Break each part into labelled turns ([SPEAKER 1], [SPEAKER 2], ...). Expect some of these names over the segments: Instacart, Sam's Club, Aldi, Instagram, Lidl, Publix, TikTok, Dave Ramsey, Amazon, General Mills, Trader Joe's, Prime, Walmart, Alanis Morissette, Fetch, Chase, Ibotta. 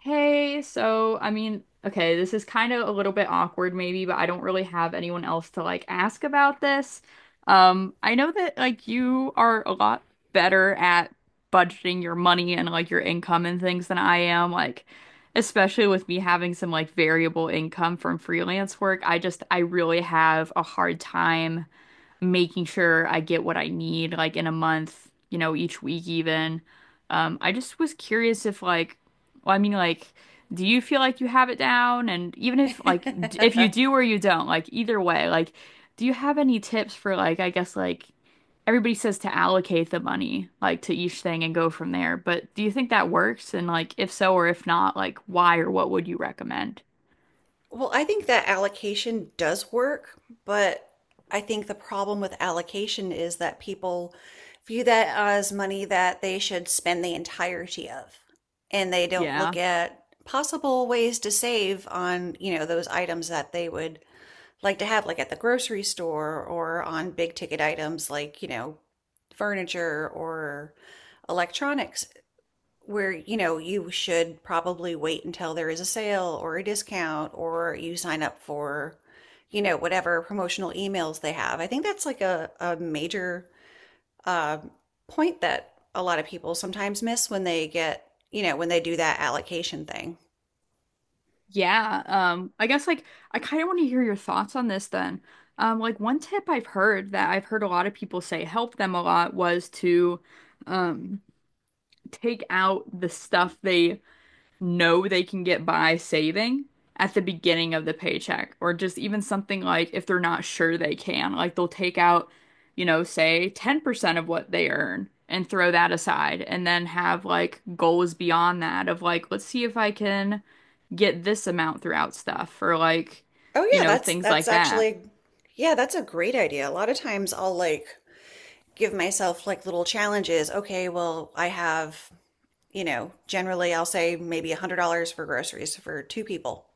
[SPEAKER 1] Hey, so this is kind of a little bit awkward maybe, but I don't really have anyone else to like ask about this. I know that like you are a lot better at budgeting your money and like your income and things than I am, like especially with me having some like variable income from freelance work. I really have a hard time making sure I get what I need, like in a month, you know, each week even. I just was curious if like, well, I mean, like, do you feel like you have it down? And even if like, if you do or you don't, like either way, like, do you have any tips for like, I guess like everybody says to allocate the money like to each thing and go from there, but do you think that works? And like, if so or if not, like, why or what would you recommend?
[SPEAKER 2] Well, I think that allocation does work, but I think the problem with allocation is that people view that as money that they should spend the entirety of, and they don't look
[SPEAKER 1] Yeah.
[SPEAKER 2] at possible ways to save on, you know, those items that they would like to have, like at the grocery store or on big ticket items like, you know, furniture or electronics, where, you know, you should probably wait until there is a sale or a discount or you sign up for, you know, whatever promotional emails they have. I think that's like a major uh, point that a lot of people sometimes miss when they get, you know, when they do that allocation thing.
[SPEAKER 1] Yeah, I guess like I kind of want to hear your thoughts on this then. Like one tip I've heard a lot of people say helped them a lot was to um take out the stuff they know they can get by saving at the beginning of the paycheck, or just even something like if they're not sure they can, like they'll take out, you know, say 10% of what they earn and throw that aside, and then have like goals beyond that of like, let's see if I can get this amount throughout stuff, or like,
[SPEAKER 2] Oh
[SPEAKER 1] you
[SPEAKER 2] yeah,
[SPEAKER 1] know,
[SPEAKER 2] that's
[SPEAKER 1] things like
[SPEAKER 2] that's
[SPEAKER 1] that.
[SPEAKER 2] actually yeah, that's a great idea. A lot of times I'll like give myself like little challenges. Okay, well, I have, you know, generally I'll say maybe $100 for groceries for two people,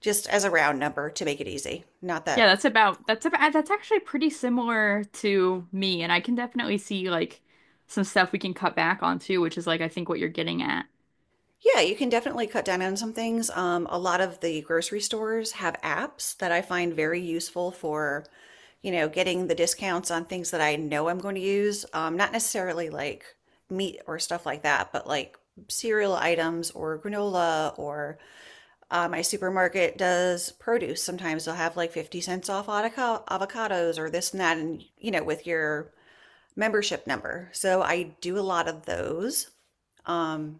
[SPEAKER 2] just as a round number to make it easy. Not
[SPEAKER 1] Yeah,
[SPEAKER 2] that,
[SPEAKER 1] that's about that's about that's actually pretty similar to me, and I can definitely see like some stuff we can cut back on too, which is like I think what you're getting at.
[SPEAKER 2] yeah, you can definitely cut down on some things. A lot of the grocery stores have apps that I find very useful for, you know, getting the discounts on things that I know I'm going to use. Not necessarily like meat or stuff like that, but like cereal items or granola or my supermarket does produce. Sometimes they'll have like 50 cents off avocados or this and that, and you know, with your membership number. So I do a lot of those. Um,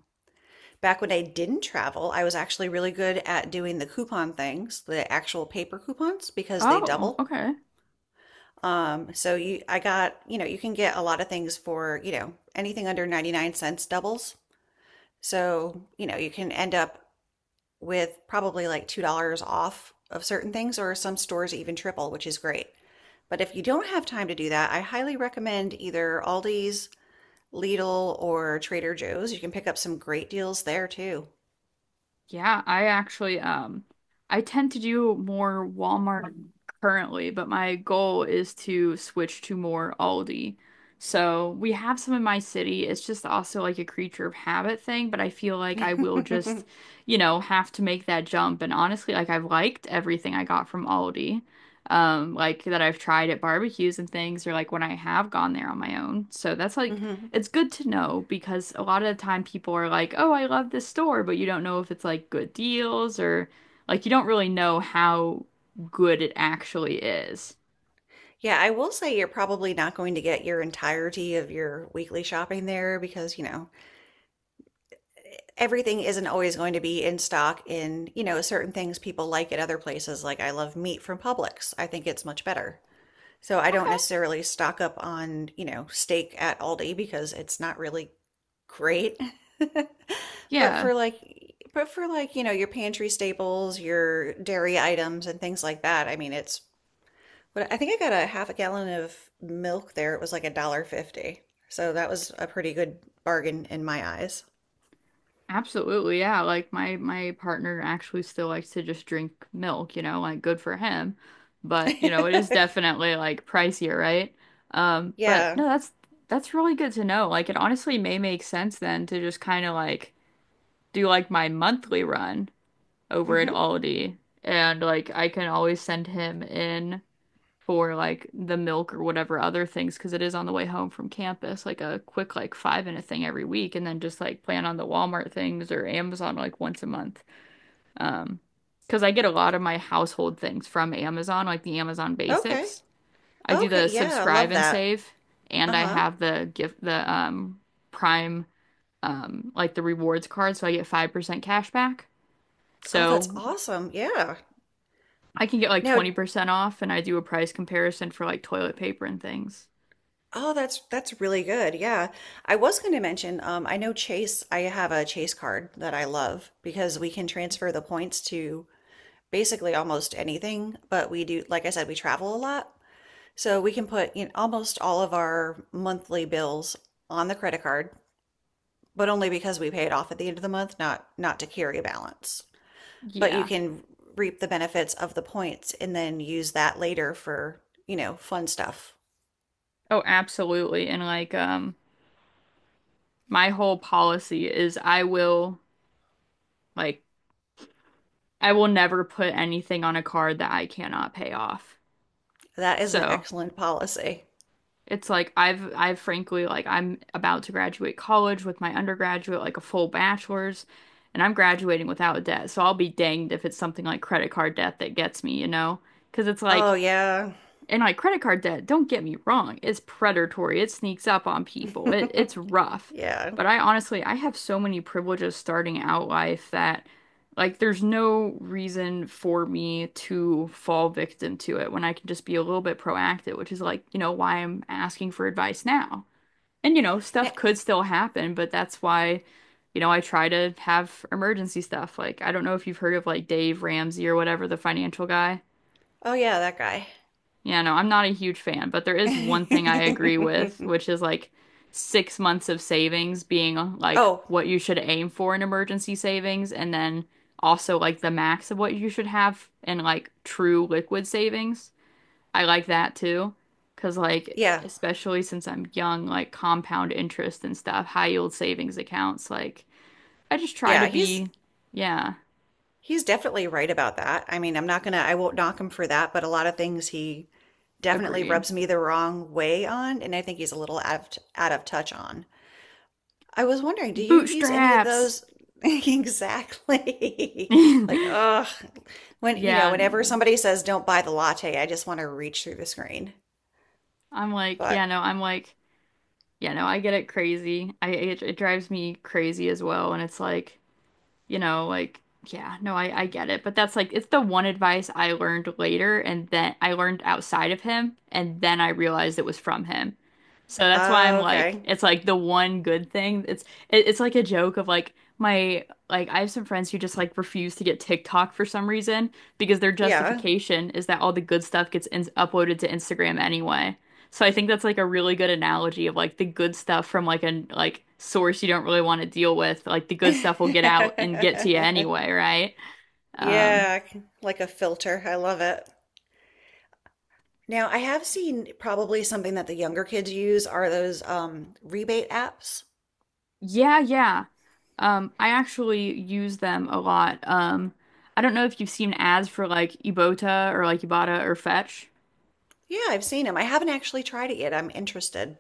[SPEAKER 2] back when I didn't travel, I was actually really good at doing the coupon things, the actual paper coupons, because they
[SPEAKER 1] Oh,
[SPEAKER 2] double.
[SPEAKER 1] okay.
[SPEAKER 2] I got, you know, you can get a lot of things for, you know, anything under 99 cents doubles. So, you know, you can end up with probably like $2 off of certain things, or some stores even triple, which is great. But if you don't have time to do that, I highly recommend either Aldi's, Lidl, or Trader Joe's. You can pick up some great deals there too.
[SPEAKER 1] Yeah, I actually I tend to do more Walmart currently, but my goal is to switch to more Aldi. So we have some in my city. It's just also like a creature of habit thing, but I feel like I will just, you know, have to make that jump. And honestly, like I've liked everything I got from Aldi. Like that I've tried at barbecues and things, or like when I have gone there on my own. So that's like
[SPEAKER 2] Mhm.
[SPEAKER 1] it's good to know, because a lot of the time people are like, "Oh, I love this store," but you don't know if it's like good deals or like you don't really know how good it actually is.
[SPEAKER 2] Yeah, I will say you're probably not going to get your entirety of your weekly shopping there because, you know, everything isn't always going to be in stock in, you know, certain things people like at other places. Like I love meat from Publix. I think it's much better. So I don't
[SPEAKER 1] Okay.
[SPEAKER 2] necessarily stock up on, you know, steak at Aldi because it's not really great. But
[SPEAKER 1] Yeah,
[SPEAKER 2] for like but for like, you know, your pantry staples, your dairy items and things like that, I mean, it's but I think I got a half a gallon of milk there. It was like a dollar fifty. So that was a pretty good bargain in my eyes.
[SPEAKER 1] absolutely. Yeah, like my partner actually still likes to just drink milk, you know, like good for him. But, you know, it is definitely like pricier, right? But no,
[SPEAKER 2] Yeah.
[SPEAKER 1] that's really good to know. Like it honestly may make sense then to just kind of like do like my monthly run over at
[SPEAKER 2] Hmm.
[SPEAKER 1] Aldi, and like I can always send him in for like the milk or whatever other things, because it is on the way home from campus like a quick like 5 minute thing every week, and then just like plan on the Walmart things or Amazon like once a month, um because I get a lot of my household things from Amazon like the Amazon
[SPEAKER 2] Okay.
[SPEAKER 1] basics. I do the
[SPEAKER 2] Okay, yeah, I
[SPEAKER 1] subscribe
[SPEAKER 2] love
[SPEAKER 1] and
[SPEAKER 2] that.
[SPEAKER 1] save, and I
[SPEAKER 2] Uh-huh.
[SPEAKER 1] have the gift the Prime like the rewards card, so I get 5% cash back,
[SPEAKER 2] Oh, that's
[SPEAKER 1] so
[SPEAKER 2] awesome. Yeah.
[SPEAKER 1] I can get like
[SPEAKER 2] Now,
[SPEAKER 1] 20% off, and I do a price comparison for like toilet paper and things.
[SPEAKER 2] oh, that's really good. Yeah, I was going to mention, I know Chase, I have a Chase card that I love because we can transfer the points to basically almost anything, but we do, like I said, we travel a lot. So we can put in almost all of our monthly bills on the credit card, but only because we pay it off at the end of the month, not to carry a balance. But you
[SPEAKER 1] Yeah.
[SPEAKER 2] can reap the benefits of the points and then use that later for, you know, fun stuff.
[SPEAKER 1] Oh, absolutely. And like my whole policy is I will like I will never put anything on a card that I cannot pay off.
[SPEAKER 2] That is an
[SPEAKER 1] So,
[SPEAKER 2] excellent policy.
[SPEAKER 1] it's like I've frankly like I'm about to graduate college with my undergraduate like a full bachelor's, and I'm graduating without debt. So I'll be danged if it's something like credit card debt that gets me, you know? 'Cause it's
[SPEAKER 2] Oh
[SPEAKER 1] like
[SPEAKER 2] yeah.
[SPEAKER 1] and like credit card debt, don't get me wrong, it's predatory. It sneaks up on people. It's rough.
[SPEAKER 2] Yeah.
[SPEAKER 1] But I honestly, I have so many privileges starting out life that like there's no reason for me to fall victim to it when I can just be a little bit proactive, which is like, you know, why I'm asking for advice now. And you know, stuff could still happen, but that's why, you know, I try to have emergency stuff. Like, I don't know if you've heard of like Dave Ramsey or whatever, the financial guy.
[SPEAKER 2] Oh yeah, that guy.
[SPEAKER 1] Yeah, no, I'm not a huge fan, but there is one thing I agree with, which is like 6 months of savings being like
[SPEAKER 2] Oh,
[SPEAKER 1] what you should aim for in emergency savings, and then also like the max of what you should have in like true liquid savings. I like that too, because like
[SPEAKER 2] yeah.
[SPEAKER 1] especially since I'm young, like compound interest and stuff, high yield savings accounts, like I just try to
[SPEAKER 2] Yeah, he's
[SPEAKER 1] be, yeah,
[SPEAKER 2] he's definitely right about that. I mean, I'm not gonna I won't knock him for that, but a lot of things he definitely
[SPEAKER 1] agreed.
[SPEAKER 2] rubs me the wrong way on, and I think he's a little out of touch on. I was wondering, do you use any of
[SPEAKER 1] Bootstraps.
[SPEAKER 2] those? Exactly. Like, ugh. When, you know,
[SPEAKER 1] Yeah.
[SPEAKER 2] whenever somebody says don't buy the latte, I just want to reach through the screen.
[SPEAKER 1] I'm like, yeah,
[SPEAKER 2] But,
[SPEAKER 1] no, I'm like, yeah, no, I get it crazy. It drives me crazy as well. And it's like, you know, like, yeah, no, I get it. But that's like, it's the one advice I learned later, and then I learned outside of him. And then I realized it was from him. So that's why I'm
[SPEAKER 2] oh,
[SPEAKER 1] like,
[SPEAKER 2] okay.
[SPEAKER 1] it's like the one good thing. It's like a joke of like my like I have some friends who just like refuse to get TikTok for some reason because their
[SPEAKER 2] Yeah.
[SPEAKER 1] justification is that all the good stuff gets in uploaded to Instagram anyway. So I think that's like a really good analogy of like the good stuff from like a like source you don't really want to deal with. Like the good stuff will get out and get to you anyway, right? Um,
[SPEAKER 2] Yeah, like a filter. I love it. Now, I have seen probably something that the younger kids use are those rebate apps.
[SPEAKER 1] yeah, yeah. I actually use them a lot. I don't know if you've seen ads for like Ibotta or Fetch.
[SPEAKER 2] Yeah, I've seen them. I haven't actually tried it yet. I'm interested.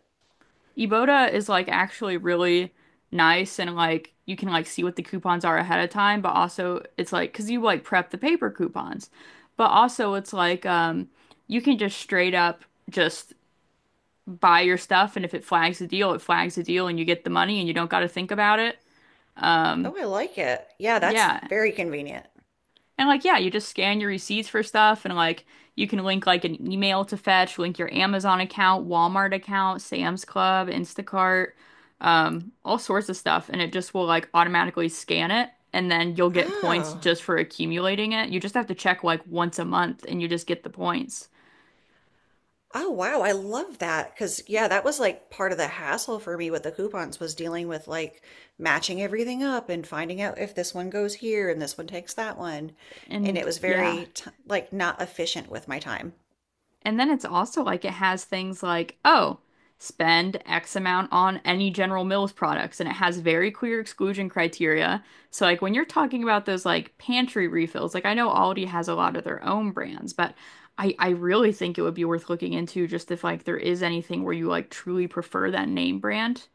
[SPEAKER 1] Eboda is like actually really nice, and like you can like see what the coupons are ahead of time, but also it's like because you like prep the paper coupons, but also it's like you can just straight up just buy your stuff, and if it flags a deal, it flags a deal and you get the money and you don't got to think about it. Um,
[SPEAKER 2] Oh, I like it. Yeah, that's
[SPEAKER 1] yeah.
[SPEAKER 2] very convenient.
[SPEAKER 1] And like, yeah, you just scan your receipts for stuff, and like you can link like an email to Fetch, link your Amazon account, Walmart account, Sam's Club, Instacart, all sorts of stuff. And it just will like automatically scan it, and then you'll get points
[SPEAKER 2] Oh.
[SPEAKER 1] just for accumulating it. You just have to check like once a month and you just get the points.
[SPEAKER 2] Oh, wow. I love that. 'Cause yeah, that was like part of the hassle for me with the coupons was dealing with like matching everything up and finding out if this one goes here and this one takes that one. And it
[SPEAKER 1] And
[SPEAKER 2] was
[SPEAKER 1] yeah.
[SPEAKER 2] very t like not efficient with my time.
[SPEAKER 1] And then it's also like it has things like, oh, spend X amount on any General Mills products. And it has very clear exclusion criteria. So, like, when you're talking about those like pantry refills, like I know Aldi has a lot of their own brands, but I really think it would be worth looking into just if like there is anything where you like truly prefer that name brand.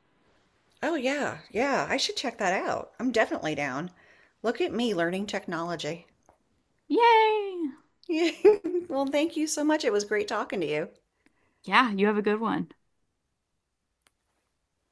[SPEAKER 2] Oh, yeah. Yeah, I should check that out. I'm definitely down. Look at me learning technology.
[SPEAKER 1] Yay!
[SPEAKER 2] Well, thank you so much. It was great talking to you.
[SPEAKER 1] Yeah, you have a good one.